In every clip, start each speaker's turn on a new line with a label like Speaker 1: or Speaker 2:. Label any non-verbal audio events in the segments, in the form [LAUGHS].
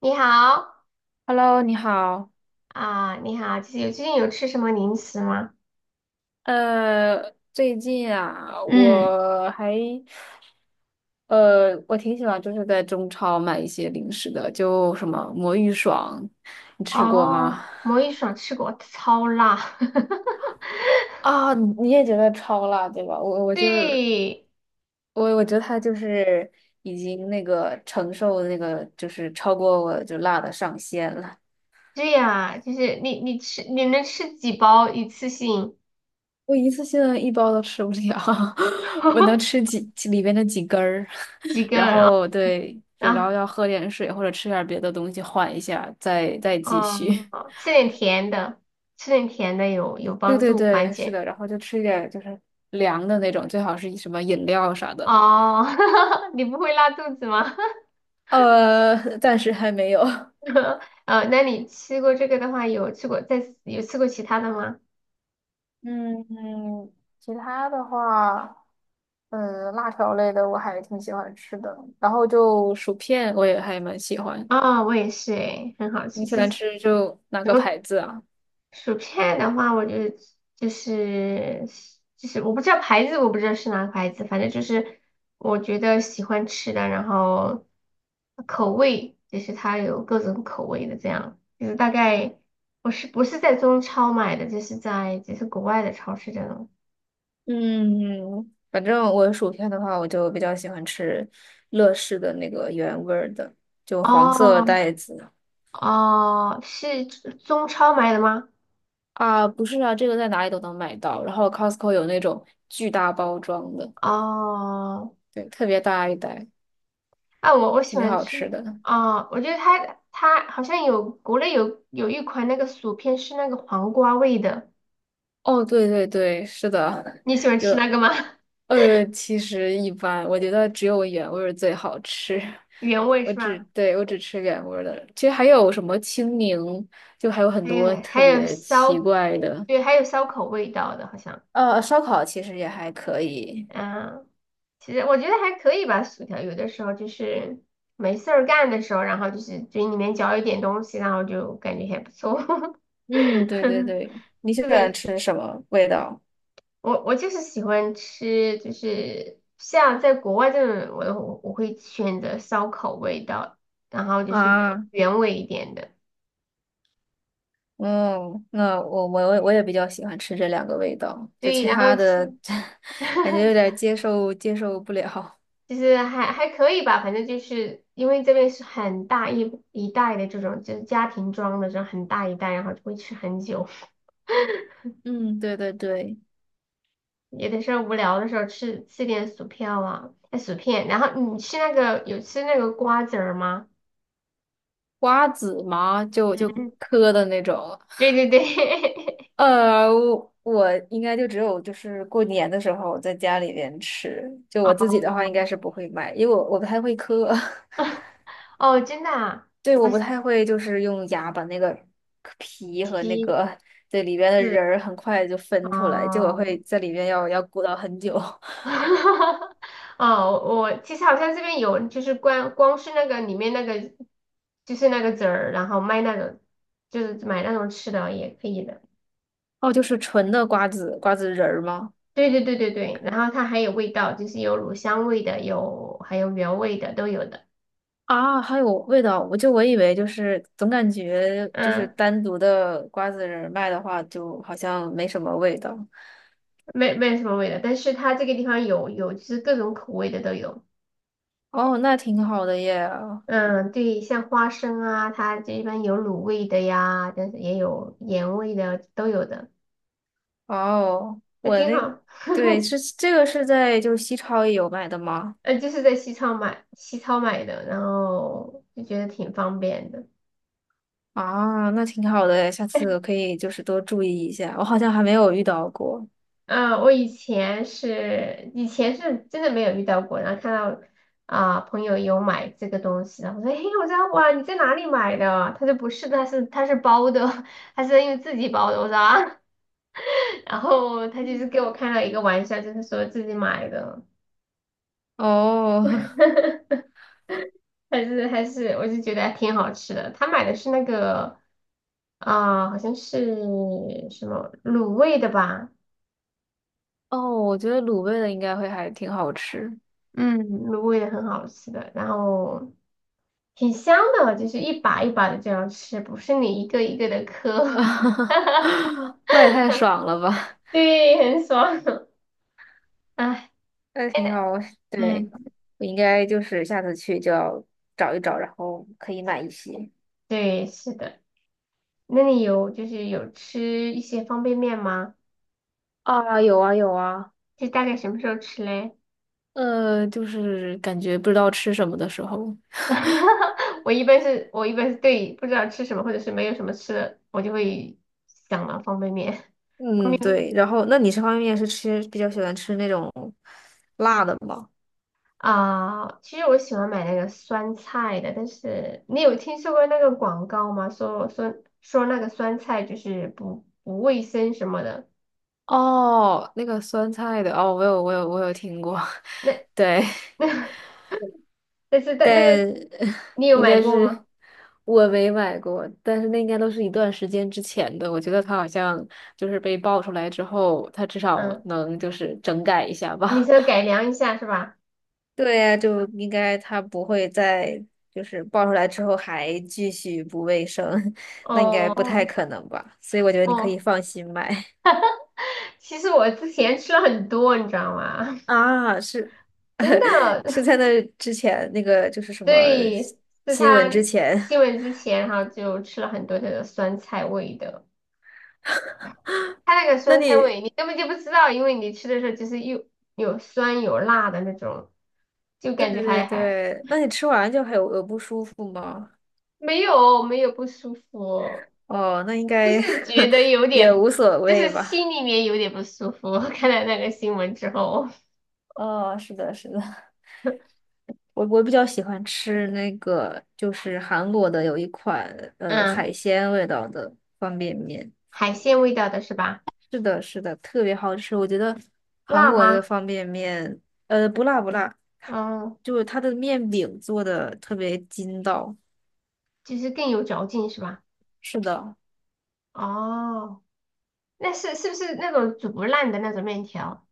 Speaker 1: 你好
Speaker 2: Hello，你好。
Speaker 1: 啊，你好，就是最近有吃什么零食吗？
Speaker 2: 最近啊，
Speaker 1: 嗯，
Speaker 2: 我挺喜欢就是在中超买一些零食的，就什么魔芋爽，你吃过吗？
Speaker 1: 哦，魔芋爽吃过，超辣。[LAUGHS]
Speaker 2: 啊，你也觉得超辣，对吧？我我就是
Speaker 1: 对，
Speaker 2: 我，我觉得它就是已经那个承受那个就是超过我就辣的上限了。
Speaker 1: 对呀，就是你能吃几包一次性？
Speaker 2: 我一次性的一包都吃不了，[LAUGHS] 我能吃
Speaker 1: [LAUGHS]
Speaker 2: 几里边的几根儿，
Speaker 1: 几
Speaker 2: [LAUGHS]
Speaker 1: 个？
Speaker 2: 然
Speaker 1: 然后
Speaker 2: 后对，就
Speaker 1: 然
Speaker 2: 然
Speaker 1: 后
Speaker 2: 后要喝点水或者吃点别的东西缓一下，再继续。
Speaker 1: 嗯，吃点甜的，吃点甜的有
Speaker 2: [LAUGHS] 对
Speaker 1: 帮
Speaker 2: 对
Speaker 1: 助缓
Speaker 2: 对，是
Speaker 1: 解。
Speaker 2: 的，然后就吃一点就是凉的那种，最好是什么饮料啥的。
Speaker 1: 哦，[LAUGHS] 你不会拉肚子吗？[LAUGHS]
Speaker 2: [LAUGHS] 暂时还没有。
Speaker 1: 那你吃过这个的话，有吃过再有吃过其他的吗？
Speaker 2: 嗯嗯，其他的话，辣条类的我还挺喜欢吃的。然后就薯片我也还蛮喜欢，
Speaker 1: 哦，我也是诶，很好
Speaker 2: 你
Speaker 1: 吃。
Speaker 2: 喜欢
Speaker 1: 是
Speaker 2: 吃就哪
Speaker 1: 什
Speaker 2: 个
Speaker 1: 么
Speaker 2: 牌子啊？
Speaker 1: 薯片的话，我觉得就是就是我不知道是哪个牌子，反正就是我觉得喜欢吃的，然后口味就是它有各种口味的这样，就是大概我是不是在中超买的，就是在就是国外的超市这种。
Speaker 2: 嗯，反正我薯片的话，我就比较喜欢吃乐事的那个原味儿的，就黄色
Speaker 1: 哦
Speaker 2: 袋子。
Speaker 1: 哦，是中超买的吗？
Speaker 2: 啊，不是啊，这个在哪里都能买到。然后 Costco 有那种巨大包装的，
Speaker 1: 哦。
Speaker 2: 对，特别大一袋，
Speaker 1: 啊，我喜
Speaker 2: 挺
Speaker 1: 欢
Speaker 2: 好
Speaker 1: 吃
Speaker 2: 吃的。
Speaker 1: 我觉得它好像有国内有一款那个薯片是那个黄瓜味的，
Speaker 2: 哦，对对对，是的，
Speaker 1: 你喜欢吃那
Speaker 2: 有
Speaker 1: 个吗？[LAUGHS]
Speaker 2: 其实一般，我觉得只有原味儿最好吃。
Speaker 1: 原味
Speaker 2: 我
Speaker 1: 是
Speaker 2: 只
Speaker 1: 吧？
Speaker 2: 对我只吃原味儿的，其实还有什么青柠，就还有很
Speaker 1: 还
Speaker 2: 多
Speaker 1: 有
Speaker 2: 特
Speaker 1: 还有
Speaker 2: 别奇
Speaker 1: 烧，
Speaker 2: 怪的。
Speaker 1: 对，还有烧烤味道的，好像，
Speaker 2: 烧烤其实也还可以。
Speaker 1: 嗯，其实我觉得还可以吧。薯条有的时候就是没事儿干的时候，然后就是嘴里面嚼一点东西，然后就感觉还不错。[LAUGHS]
Speaker 2: 嗯，对对对，你喜
Speaker 1: 是
Speaker 2: 欢
Speaker 1: 的，
Speaker 2: 吃什么味道？
Speaker 1: 我就是喜欢吃，就是像在国外这种，我会选择烧烤味道，然后就是原
Speaker 2: 啊，
Speaker 1: 原味一点的，
Speaker 2: 嗯，那我也比较喜欢吃这两个味道，就
Speaker 1: 对，
Speaker 2: 其
Speaker 1: 然后
Speaker 2: 他
Speaker 1: 就是
Speaker 2: 的 [LAUGHS] 感觉有
Speaker 1: [LAUGHS]
Speaker 2: 点接受不了。
Speaker 1: 就是还可以吧，反正就是因为这边是很大一袋的这种，就是家庭装的这种很大一袋，然后就会吃很久，
Speaker 2: 嗯，对对对，
Speaker 1: 有的时候无聊的时候吃点薯片啊，哎薯片，然后你吃那个有吃那个瓜子儿吗？
Speaker 2: 瓜子嘛，就
Speaker 1: 嗯，[LAUGHS]
Speaker 2: 嗑的那种。
Speaker 1: 对对对，
Speaker 2: 我应该就只有就是过年的时候在家里边吃，就
Speaker 1: [LAUGHS]
Speaker 2: 我自己的话应
Speaker 1: 哦。
Speaker 2: 该是不会买，因为我不太会嗑。[LAUGHS]
Speaker 1: 哦，真的啊，
Speaker 2: 对，
Speaker 1: 好
Speaker 2: 我不
Speaker 1: 像
Speaker 2: 太会，就是用牙把那个皮和那
Speaker 1: 其
Speaker 2: 个，对，里边的
Speaker 1: 次
Speaker 2: 仁儿很快就分出来，就我会
Speaker 1: 哦，
Speaker 2: 在里边要鼓捣很久。[LAUGHS]
Speaker 1: [LAUGHS] 哦，我其实好像这边有，就是光光是那个里面那个，就是那个籽儿，然后卖那种，就是买那种吃的也可以的。
Speaker 2: 哦，就是纯的瓜子仁儿吗？
Speaker 1: 对对对对对，然后它还有味道，就是有乳香味的，有还有原味的都有的。
Speaker 2: 啊，还有味道，我以为就是总感觉就是
Speaker 1: 嗯，
Speaker 2: 单独的瓜子仁儿卖的话，就好像没什么味道。
Speaker 1: 没有什么味的，但是它这个地方有就是各种口味的都有。
Speaker 2: 哦，那挺好的耶。
Speaker 1: 嗯，对，像花生啊，它这一般有卤味的呀，但是也有盐味的，都有的，
Speaker 2: 哦，
Speaker 1: 那挺好。
Speaker 2: 对，是这个，是在就是西超也有卖的吗？
Speaker 1: 嗯，就是在西超买的，然后就觉得挺方便的。
Speaker 2: 啊，那挺好的诶，下次可以就是多注意一下。我好像还没有遇到过。
Speaker 1: 嗯，我以前是，以前是真的没有遇到过，然后看到朋友有买这个东西，然后我说，嘿，我说哇，你在哪里买的？他说不是的，他是包的，[LAUGHS] 他是因为自己包的。我说啊，[LAUGHS] 然后他就是给我开了一个玩笑，就是说自己买的。
Speaker 2: 哦 [LAUGHS]
Speaker 1: [LAUGHS] 还是，我就觉得还挺好吃的。他买的是那个好像是什么卤味的吧，
Speaker 2: 哦，我觉得卤味的应该会还挺好吃。
Speaker 1: 嗯，卤味的很好吃的，然后挺香的，就是一把一把的这样吃，不是你一个一个的嗑，
Speaker 2: [LAUGHS] 那也太爽了吧！
Speaker 1: [LAUGHS] 对，很爽。[LAUGHS] 哎，
Speaker 2: 那挺好，
Speaker 1: 嗯，
Speaker 2: 对，我应该就是下次去就要找一找，然后可以买一些。
Speaker 1: 对，是的。那你有就是有吃一些方便面吗？
Speaker 2: 啊，有啊有啊，
Speaker 1: 是大概什么时候吃嘞？
Speaker 2: 就是感觉不知道吃什么的时候。
Speaker 1: [LAUGHS] 我一般是对不知道吃什么或者是没有什么吃的，我就会想了方便面。方
Speaker 2: 嗯，
Speaker 1: 便面
Speaker 2: 对。然后，那你这方面是吃比较喜欢吃那种辣的吗？
Speaker 1: 啊，其实我喜欢买那个酸菜的，但是你有听说过那个广告吗？说那个酸菜就是不卫生什么的。
Speaker 2: 哦，那个酸菜的，哦，我有听过，
Speaker 1: 那 [LAUGHS]
Speaker 2: [LAUGHS] 对，
Speaker 1: 那但是但那
Speaker 2: 但
Speaker 1: 个
Speaker 2: [LAUGHS]
Speaker 1: 你有
Speaker 2: 应
Speaker 1: 买
Speaker 2: 该
Speaker 1: 过
Speaker 2: 是
Speaker 1: 吗？
Speaker 2: 我没买过，但是那应该都是一段时间之前的。我觉得它好像就是被爆出来之后，它至少
Speaker 1: 嗯，
Speaker 2: 能就是整改一下
Speaker 1: 你
Speaker 2: 吧。
Speaker 1: 说改
Speaker 2: [LAUGHS]
Speaker 1: 良一下是吧？
Speaker 2: 对呀，就应该它不会再就是爆出来之后还继续不卫生，[LAUGHS] 那应该不太
Speaker 1: 哦
Speaker 2: 可能吧？所以我觉得你可以
Speaker 1: 哦，
Speaker 2: 放心买。
Speaker 1: 其实我之前吃了很多，你知道吗？
Speaker 2: 啊，是
Speaker 1: [LAUGHS] 真
Speaker 2: [LAUGHS] 是
Speaker 1: 的。
Speaker 2: 在那之前那个就是什么
Speaker 1: 对，是
Speaker 2: 新闻
Speaker 1: 他
Speaker 2: 之前。
Speaker 1: 新闻之前哈，就吃了很多这个酸菜味的。他那个
Speaker 2: [LAUGHS] 那
Speaker 1: 酸菜
Speaker 2: 你
Speaker 1: 味你根本就不知道，因为你吃的时候就是又有酸有辣的那种，就
Speaker 2: 对
Speaker 1: 感觉
Speaker 2: 对
Speaker 1: 还
Speaker 2: 对，那你吃完就还有不舒服吗？
Speaker 1: 没有没有不舒服，
Speaker 2: 哦，那应
Speaker 1: 就
Speaker 2: 该
Speaker 1: 是觉
Speaker 2: [LAUGHS]
Speaker 1: 得有
Speaker 2: 也
Speaker 1: 点，
Speaker 2: 无所
Speaker 1: 就
Speaker 2: 谓
Speaker 1: 是心
Speaker 2: 吧。
Speaker 1: 里面有点不舒服。[LAUGHS] 看了那个新闻之后，
Speaker 2: 哦，是的，是的，我比较喜欢吃那个就是韩国的有一款
Speaker 1: 嗯，
Speaker 2: 海鲜味道的方便面，
Speaker 1: 海鲜味道的是吧？
Speaker 2: 是的，是的，特别好吃，我觉得韩
Speaker 1: 辣
Speaker 2: 国的
Speaker 1: 吗？
Speaker 2: 方便面不辣不辣。
Speaker 1: 嗯，
Speaker 2: 就是它的面饼做的特别筋道。
Speaker 1: 就是更有嚼劲是吧？
Speaker 2: 是的，
Speaker 1: 哦。那是不是那种煮不烂的那种面条？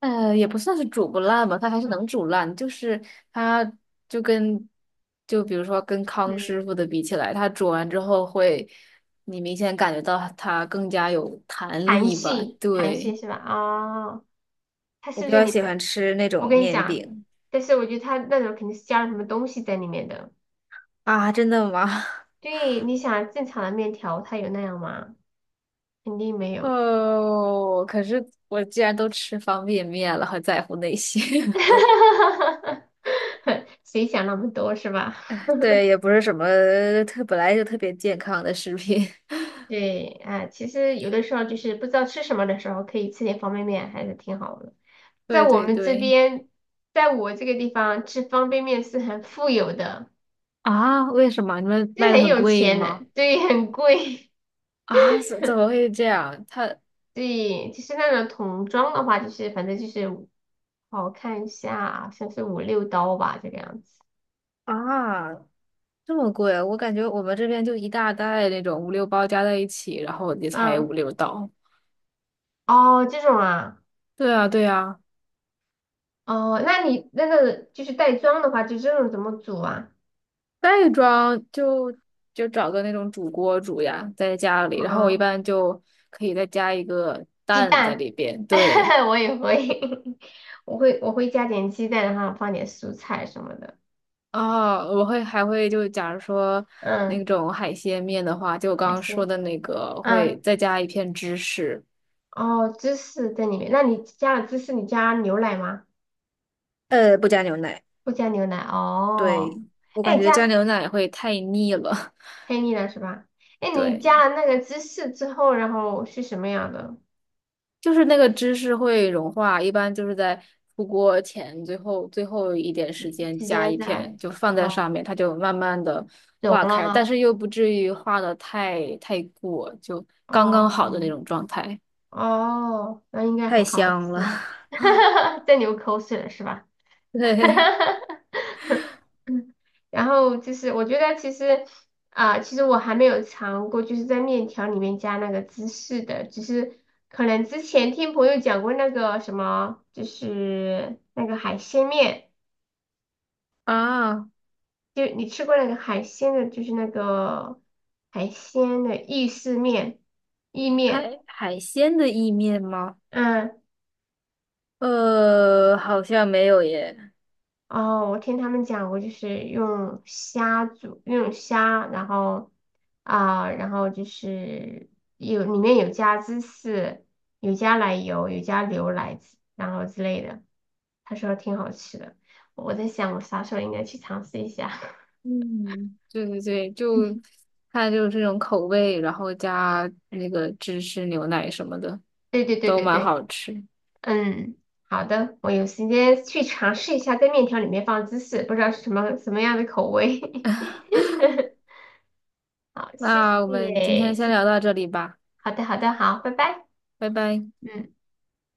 Speaker 2: 也不算是煮不烂吧，它还是能煮烂，就是它就跟就比如说跟
Speaker 1: 嗯，
Speaker 2: 康师傅的比起来，它煮完之后，会，你明显感觉到它更加有弹
Speaker 1: 韩
Speaker 2: 力吧？
Speaker 1: 系，韩系
Speaker 2: 对，
Speaker 1: 是吧？哦，它
Speaker 2: 我
Speaker 1: 是不
Speaker 2: 比
Speaker 1: 是
Speaker 2: 较
Speaker 1: 里
Speaker 2: 喜
Speaker 1: 面？
Speaker 2: 欢吃那
Speaker 1: 我
Speaker 2: 种
Speaker 1: 跟你
Speaker 2: 面
Speaker 1: 讲，
Speaker 2: 饼。
Speaker 1: 但是我觉得它那种肯定是加了什么东西在里面的。
Speaker 2: 啊，真的吗？[LAUGHS]
Speaker 1: 对，你想正常的面条，它有那样吗？肯定没有。
Speaker 2: 哦，可是我既然都吃方便面了，还在乎那些？[LAUGHS]
Speaker 1: [LAUGHS] 谁想那么多是吧？
Speaker 2: 对，也不是什么本来就特别健康的食品。[LAUGHS]
Speaker 1: 对，啊，其实有的时候就是不知道吃什么的时候，可以吃点方便面，还是挺好的。
Speaker 2: 对
Speaker 1: 在我
Speaker 2: 对
Speaker 1: 们这
Speaker 2: 对。
Speaker 1: 边，在我这个地方吃方便面是很富有的。
Speaker 2: 啊？为什么你们
Speaker 1: 就是
Speaker 2: 卖的
Speaker 1: 很
Speaker 2: 很
Speaker 1: 有
Speaker 2: 贵
Speaker 1: 钱的，
Speaker 2: 吗？
Speaker 1: 对，很贵，
Speaker 2: 啊，怎么会这样？
Speaker 1: [LAUGHS] 对，就是那种桶装的话，反正就是五，好我看一下，好像是5、6刀吧，这个样子。
Speaker 2: 啊这么贵，我感觉我们这边就一大袋那种五六包加在一起，然后也才
Speaker 1: 嗯，
Speaker 2: 五六刀。
Speaker 1: 哦，这种啊，
Speaker 2: 对啊对啊，
Speaker 1: 哦，那你那个就是袋装的话，就这种怎么煮啊？
Speaker 2: 袋装就找个那种煮锅煮呀，在家里，然后我一
Speaker 1: 啊、
Speaker 2: 般就可以再加一个
Speaker 1: 鸡
Speaker 2: 蛋在
Speaker 1: 蛋，
Speaker 2: 里边。对。
Speaker 1: [LAUGHS] 我也会，[LAUGHS] 我会加点鸡蛋，然后放点蔬菜什么的。
Speaker 2: 啊，还会就假如说那
Speaker 1: 嗯，
Speaker 2: 种海鲜面的话，就我刚
Speaker 1: 还
Speaker 2: 刚说
Speaker 1: 行。
Speaker 2: 的那个，
Speaker 1: 嗯，
Speaker 2: 会再加一片芝士。
Speaker 1: 哦，芝士在里面，那你加了芝士，你加牛奶吗？
Speaker 2: 不加牛奶。
Speaker 1: 不加牛奶哦。
Speaker 2: 对，我感
Speaker 1: 哎，
Speaker 2: 觉加
Speaker 1: 加
Speaker 2: 牛奶会太腻了。
Speaker 1: 黑腻了是吧？哎，
Speaker 2: [LAUGHS]
Speaker 1: 你
Speaker 2: 对，
Speaker 1: 加了那个芝士之后，然后是什么样的？
Speaker 2: 就是那个芝士会融化，一般就是在出锅前最后一点时
Speaker 1: 几
Speaker 2: 间
Speaker 1: 时
Speaker 2: 加
Speaker 1: 间
Speaker 2: 一
Speaker 1: 在？
Speaker 2: 片，就放在
Speaker 1: 哦，
Speaker 2: 上面，它就慢慢的
Speaker 1: 融
Speaker 2: 化
Speaker 1: 了
Speaker 2: 开，但
Speaker 1: 哈。
Speaker 2: 是又不至于化的太过，就刚刚好的那
Speaker 1: 哦
Speaker 2: 种状态。
Speaker 1: 哦，那应该
Speaker 2: 太
Speaker 1: 很好
Speaker 2: 香了。
Speaker 1: 吃。[LAUGHS] 在流口水了是吧？
Speaker 2: [LAUGHS]
Speaker 1: [LAUGHS]
Speaker 2: 对
Speaker 1: 然后就是我觉得其实我还没有尝过，就是在面条里面加那个芝士的，只是可能之前听朋友讲过那个什么，就是那个海鲜面，
Speaker 2: 啊，
Speaker 1: 就你吃过那个海鲜的，就是那个海鲜的意面，
Speaker 2: 海鲜的意面吗？
Speaker 1: 嗯。
Speaker 2: 好像没有耶。
Speaker 1: 哦，我听他们讲过，就是用虾煮，然后就是里面有加芝士，有加奶油，有加牛奶之然后之类的。他说挺好吃的，我在想我啥时候应该去尝试一下。
Speaker 2: 嗯，对对对，就
Speaker 1: [LAUGHS]
Speaker 2: 它就是这种口味，然后加那个芝士牛奶什么的，
Speaker 1: 对对对
Speaker 2: 都
Speaker 1: 对
Speaker 2: 蛮
Speaker 1: 对，
Speaker 2: 好吃。
Speaker 1: 嗯，好的，我有时间去尝试一下在面条里面放芝士，不知道是什么样的口味。[LAUGHS]
Speaker 2: [LAUGHS]
Speaker 1: 好，谢
Speaker 2: 那我们今
Speaker 1: 谢，谢
Speaker 2: 天先
Speaker 1: 谢，
Speaker 2: 聊到这里吧，
Speaker 1: 好的好的，好，拜拜。
Speaker 2: 拜拜。
Speaker 1: 嗯，